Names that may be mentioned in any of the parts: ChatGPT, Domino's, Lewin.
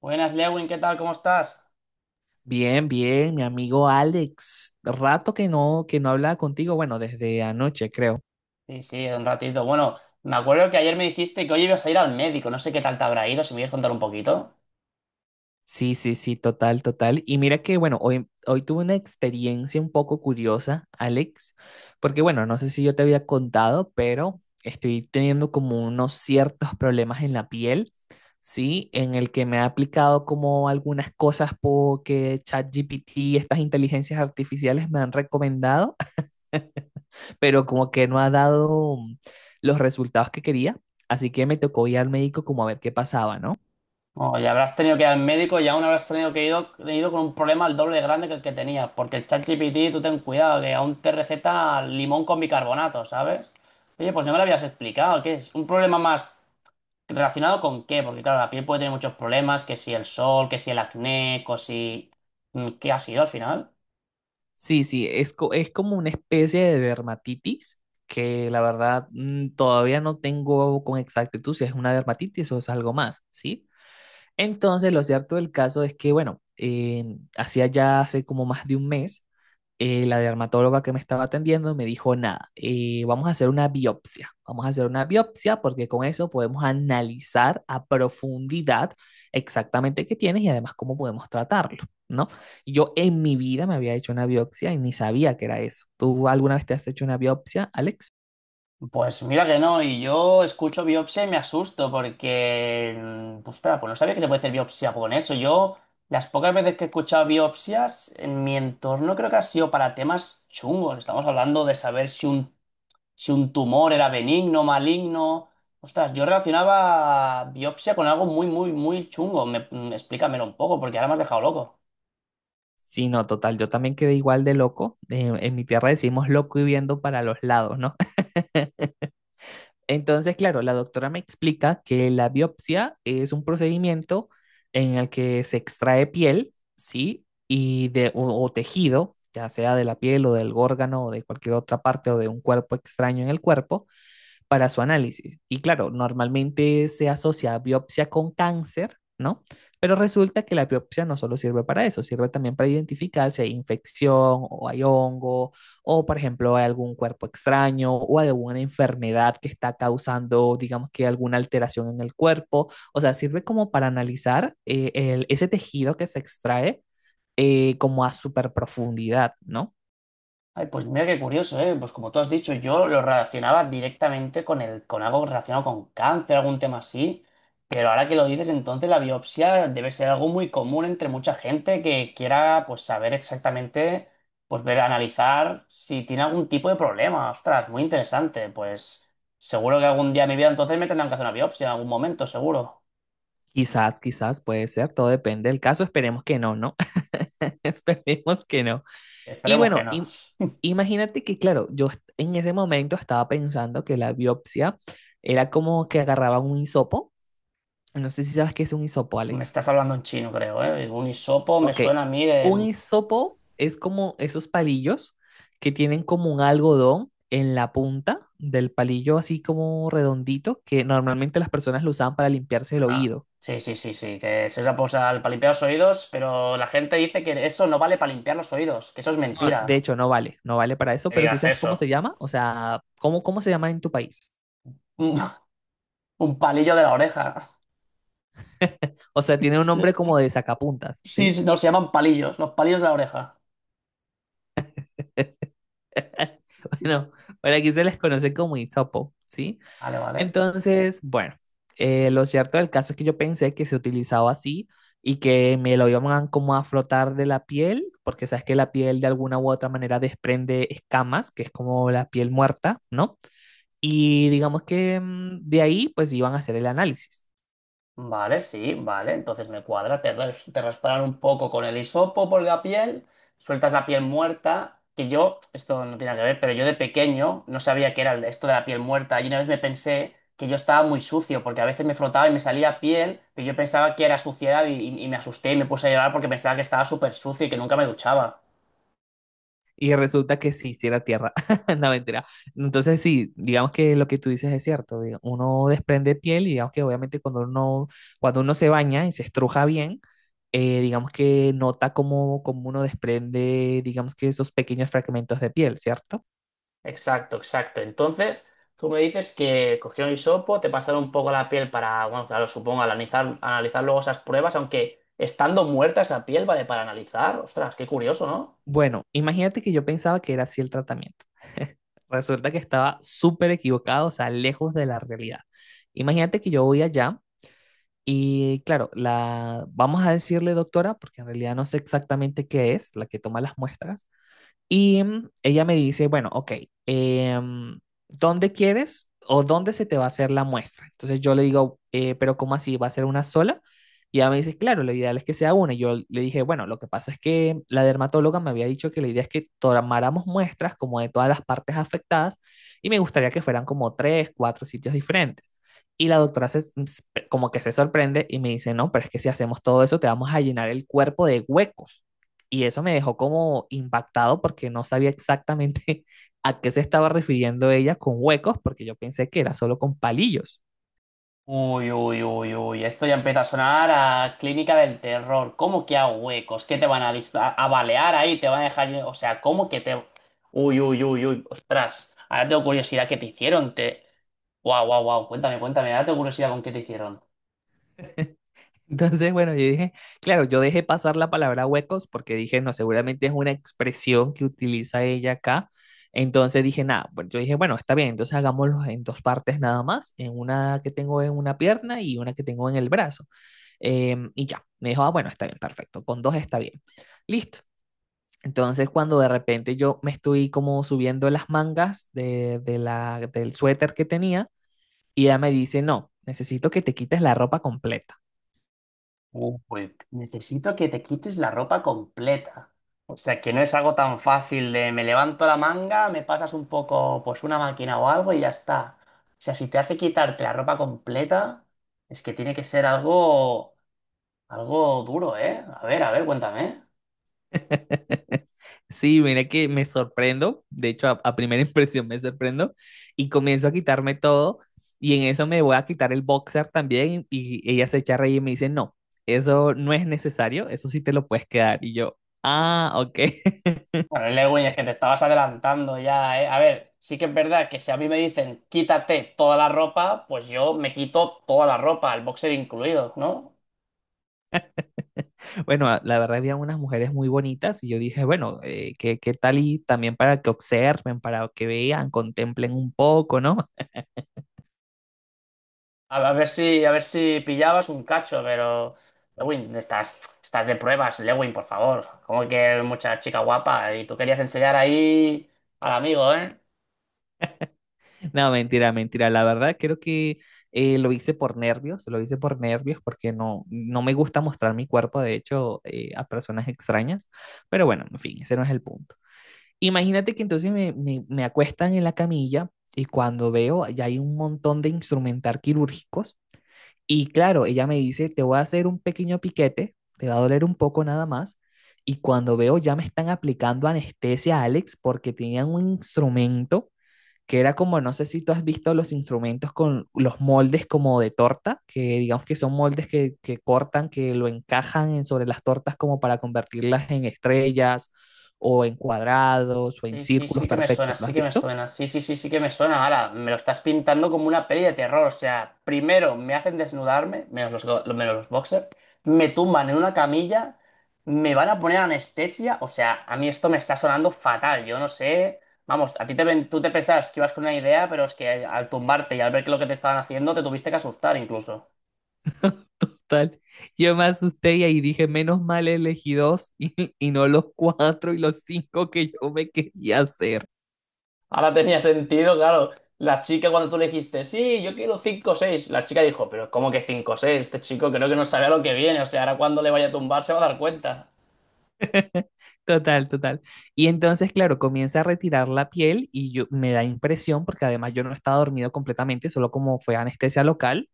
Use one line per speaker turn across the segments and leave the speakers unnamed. Buenas, Lewin, ¿qué tal? ¿Cómo estás?
Bien, bien, mi amigo Alex. Rato que no hablaba contigo, bueno, desde anoche, creo.
Sí, sí, un ratito. Bueno, me acuerdo que ayer me dijiste que hoy ibas a ir al médico. No sé qué tal te habrá ido, si me quieres contar un poquito.
Sí, sí, sí, total, total. Y mira que, bueno, hoy tuve una experiencia un poco curiosa, Alex, porque, bueno, no sé si yo te había contado, pero estoy teniendo como unos ciertos problemas en la piel, ¿sí? En el que me ha aplicado como algunas cosas porque ChatGPT, estas inteligencias artificiales me han recomendado. Pero como que no ha dado los resultados que quería, así que me tocó ir al médico como a ver qué pasaba, ¿no?
O ya habrás tenido que ir al médico y aún habrás tenido que ido con un problema al doble de grande que el que tenías. Porque el ChatGPT, tú ten cuidado, que aún te receta limón con bicarbonato, ¿sabes? Oye, pues no me lo habías explicado. ¿Qué es? ¿Un problema más relacionado con qué? Porque claro, la piel puede tener muchos problemas, que si el sol, que si el acné, que si¿qué ha sido al final?
Sí, sí, es como una especie de dermatitis que la verdad todavía no tengo con exactitud si es una dermatitis o es algo más, ¿sí? Entonces, lo cierto del caso es que, bueno, hacía ya hace como más de un mes la dermatóloga que me estaba atendiendo me dijo, nada, vamos a hacer una biopsia, vamos a hacer una biopsia porque con eso podemos analizar a profundidad exactamente qué tienes y además cómo podemos tratarlo, ¿no? Y yo en mi vida me había hecho una biopsia y ni sabía que era eso. ¿Tú alguna vez te has hecho una biopsia, Alex?
Pues mira que no, y yo escucho biopsia y me asusto porque, ostras, pues no sabía que se puede hacer biopsia con eso. Yo, las pocas veces que he escuchado biopsias en mi entorno creo que ha sido para temas chungos. Estamos hablando de saber si si un tumor era benigno, maligno. Ostras, yo relacionaba biopsia con algo muy, muy, muy chungo. Explícamelo un poco porque ahora me has dejado loco.
Sí, no, total, yo también quedé igual de loco. En mi tierra decimos loco y viendo para los lados, ¿no? Entonces, claro, la doctora me explica que la biopsia es un procedimiento en el que se extrae piel, ¿sí? Y de, o tejido, ya sea de la piel o del órgano o de cualquier otra parte o de un cuerpo extraño en el cuerpo, para su análisis. Y claro, normalmente se asocia a biopsia con cáncer, ¿no? Pero resulta que la biopsia no solo sirve para eso, sirve también para identificar si hay infección o hay hongo o, por ejemplo, hay algún cuerpo extraño o alguna enfermedad que está causando, digamos que alguna alteración en el cuerpo. O sea, sirve como para analizar ese tejido que se extrae como a super profundidad, ¿no?
Ay, pues mira qué curioso, ¿eh? Pues como tú has dicho, yo lo relacionaba directamente con con algo relacionado con cáncer, algún tema así. Pero ahora que lo dices, entonces la biopsia debe ser algo muy común entre mucha gente que quiera, pues, saber exactamente, pues, ver, analizar si tiene algún tipo de problema. Ostras, muy interesante. Pues seguro que algún día en mi vida entonces me tendrán que hacer una biopsia en algún momento, seguro.
Quizás, quizás puede ser, todo depende del caso, esperemos que no, ¿no? Esperemos que no. Y
Esperemos que
bueno,
no.
imagínate que, claro, en ese momento estaba pensando que la biopsia era como que agarraba un hisopo. No sé si sabes qué es un hisopo,
Uf, me
Alex.
estás hablando en chino, creo, ¿eh? Un hisopo me
Ok,
suena a mí
un
de...
hisopo es como esos palillos que tienen como un algodón en la punta del palillo, así como redondito, que normalmente las personas lo usaban para limpiarse el
Ah,
oído.
sí, sí, sí, sí, que se usa pues, para limpiar los oídos, pero la gente dice que eso no vale para limpiar los oídos, que eso es
No,
mentira.
de hecho, no vale, no vale para eso,
Que
pero si
digas
sabes
eso.
cómo se llama, o sea, ¿cómo se llama en tu país?
Un, un palillo de la oreja.
O sea, tiene un nombre como de sacapuntas,
Sí, sí,
¿sí?
sí, no, se llaman palillos, los palillos de la oreja.
Bueno, por aquí se les conoce como hisopo, ¿sí?
Vale, vale.
Entonces, bueno, lo cierto del caso es que yo pensé que se utilizaba así y que me lo iban como a flotar de la piel, porque sabes que la piel de alguna u otra manera desprende escamas, que es como la piel muerta, ¿no? Y digamos que de ahí pues iban a hacer el análisis.
Vale, sí, vale. Entonces me cuadra. Te rasparan un poco con el hisopo por la piel, sueltas la piel muerta. Que yo, esto no tiene nada que ver, pero yo de pequeño no sabía qué era esto de la piel muerta. Y una vez me pensé que yo estaba muy sucio, porque a veces me frotaba y me salía piel, pero yo pensaba que era suciedad y, y me asusté y me puse a llorar porque pensaba que estaba súper sucio y que nunca me duchaba.
Y resulta que sí, sí era tierra, no mentira. Entonces sí, digamos que lo que tú dices es cierto, uno desprende piel y digamos que obviamente cuando uno se baña y se estruja bien, digamos que nota cómo uno desprende, digamos que esos pequeños fragmentos de piel, ¿cierto?
Exacto, exacto. Entonces, tú me dices que cogió un hisopo, te pasaron un poco la piel para, bueno, claro, supongo, analizar, analizar luego esas pruebas, aunque estando muerta esa piel, ¿vale? Para analizar. Ostras, qué curioso, ¿no?
Bueno, imagínate que yo pensaba que era así el tratamiento. Resulta que estaba súper equivocado, o sea, lejos de la realidad. Imagínate que yo voy allá y, claro, la vamos a decirle doctora, porque en realidad no sé exactamente qué es, la que toma las muestras, y ella me dice, bueno, ok, em, ¿dónde quieres o dónde se te va a hacer la muestra? Entonces yo le digo, pero ¿cómo así? ¿Va a ser una sola?" Y ella me dice, claro, lo ideal es que sea una. Y yo le dije, bueno, lo que pasa es que la dermatóloga me había dicho que la idea es que tomáramos muestras como de todas las partes afectadas y me gustaría que fueran como tres, cuatro sitios diferentes. Y la doctora como que se sorprende y me dice, no, pero es que si hacemos todo eso, te vamos a llenar el cuerpo de huecos. Y eso me dejó como impactado porque no sabía exactamente a qué se estaba refiriendo ella con huecos, porque yo pensé que era solo con palillos.
Uy, uy, uy, uy, esto ya empieza a sonar a clínica del terror. ¿Cómo que a huecos? ¿Qué te van a, a balear ahí? ¿Te van a dejar...? O sea, ¿cómo que te...? Uy, uy, uy, uy, ostras. Ahora tengo curiosidad, ¿qué te hicieron? Te... Guau, guau, guau, cuéntame, cuéntame, ahora tengo curiosidad con qué te hicieron.
Entonces, bueno, yo dije, claro, yo dejé pasar la palabra huecos porque dije, no, seguramente es una expresión que utiliza ella acá. Entonces dije, nada, pues yo dije, bueno, está bien, entonces hagámoslo en dos partes nada más, en una que tengo en una pierna y una que tengo en el brazo. Y ya, me dijo, ah, bueno, está bien, perfecto, con dos está bien. Listo. Entonces, cuando de repente yo me estoy como subiendo las mangas del suéter que tenía, y ella me dice, no, necesito que te quites la ropa completa.
Pues necesito que te quites la ropa completa. O sea, que no es algo tan fácil de me levanto la manga, me pasas un poco, pues una máquina o algo y ya está. O sea, si te hace quitarte la ropa completa, es que tiene que ser algo, algo duro, ¿eh? A ver, cuéntame.
Sí, mira que me sorprendo, de hecho a primera impresión me sorprendo y comienzo a quitarme todo y en eso me voy a quitar el boxer también y, ella se echa a reír y me dice, no, eso no es necesario, eso sí te lo puedes quedar y yo, ah, ok.
Bueno, Lewin, es que te estabas adelantando ya, ¿eh? A ver, sí que es verdad que si a mí me dicen quítate toda la ropa, pues yo me quito toda la ropa, el boxer incluido, ¿no?
Bueno, la verdad había unas mujeres muy bonitas y yo dije, bueno, qué qué tal y también para que observen, para que vean, contemplen un poco, ¿no?
A ver si, a ver si pillabas un cacho, pero. Lewin, estás, estás de pruebas, Lewin, por favor. Como que mucha chica guapa. Y tú querías enseñar ahí al amigo, ¿eh?
No, mentira, mentira. La verdad creo que lo hice por nervios, lo hice por nervios porque no me gusta mostrar mi cuerpo, de hecho, a personas extrañas. Pero bueno, en fin, ese no es el punto. Imagínate que entonces me acuestan en la camilla y cuando veo, ya hay un montón de instrumental quirúrgicos. Y claro, ella me dice, te voy a hacer un pequeño piquete, te va a doler un poco nada más. Y cuando veo, ya me están aplicando anestesia, Alex, porque tenían un instrumento que era como, no sé si tú has visto los instrumentos con los moldes como de torta, que digamos que son moldes que cortan, que lo encajan sobre las tortas como para convertirlas en estrellas o en cuadrados o en
Sí, sí,
círculos
sí que me suena,
perfectos. ¿Lo
sí
has
que me
visto?
suena, sí, sí, sí, sí que me suena, ahora me lo estás pintando como una peli de terror, o sea, primero me hacen desnudarme, menos los, menos los boxers, me tumban en una camilla, me van a poner anestesia, o sea, a mí esto me está sonando fatal, yo no sé, vamos, a ti te, tú te pensabas que ibas con una idea, pero es que al tumbarte y al ver que lo que te estaban haciendo, te tuviste que asustar incluso.
Total. Yo me asusté y ahí dije, menos mal elegí dos y no los cuatro y los cinco que yo me quería hacer.
Ahora tenía sentido, claro. La chica cuando tú le dijiste, sí, yo quiero 5 o 6, la chica dijo, pero ¿cómo que 5 o 6? Este chico creo que no sabe a lo que viene, o sea, ahora cuando le vaya a tumbar se va a dar cuenta.
Total, total. Y entonces, claro, comienza a retirar la piel y yo me da impresión porque además yo no estaba dormido completamente, solo como fue anestesia local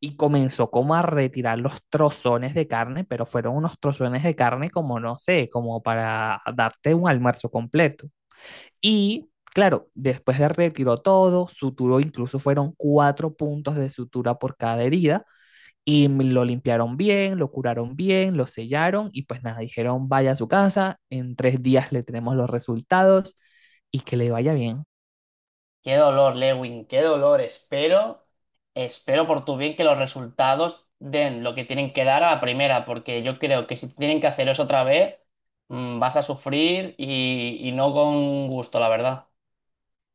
y comenzó como a retirar los trozones de carne, pero fueron unos trozones de carne como no sé, como para darte un almuerzo completo. Y claro, después de retiró todo, suturó, incluso fueron cuatro puntos de sutura por cada herida. Y lo limpiaron bien, lo curaron bien, lo sellaron y pues nada, dijeron vaya a su casa, en 3 días le tenemos los resultados y que le vaya bien.
Qué dolor, Lewin, qué dolor. Espero, espero por tu bien que los resultados den lo que tienen que dar a la primera, porque yo creo que si tienen que hacer eso otra vez, vas a sufrir y, no con gusto, la verdad.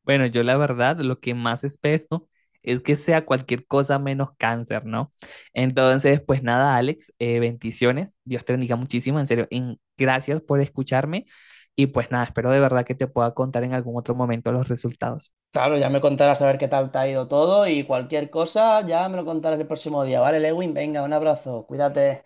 Bueno, yo la verdad lo que más espero es que sea cualquier cosa menos cáncer, ¿no? Entonces, pues nada, Alex, bendiciones. Dios te bendiga muchísimo, en serio. Gracias por escucharme y pues nada, espero de verdad que te pueda contar en algún otro momento los resultados.
Claro, ya me contarás a ver qué tal te ha ido todo y cualquier cosa, ya me lo contarás el próximo día, ¿vale, Lewin? Venga, un abrazo, cuídate.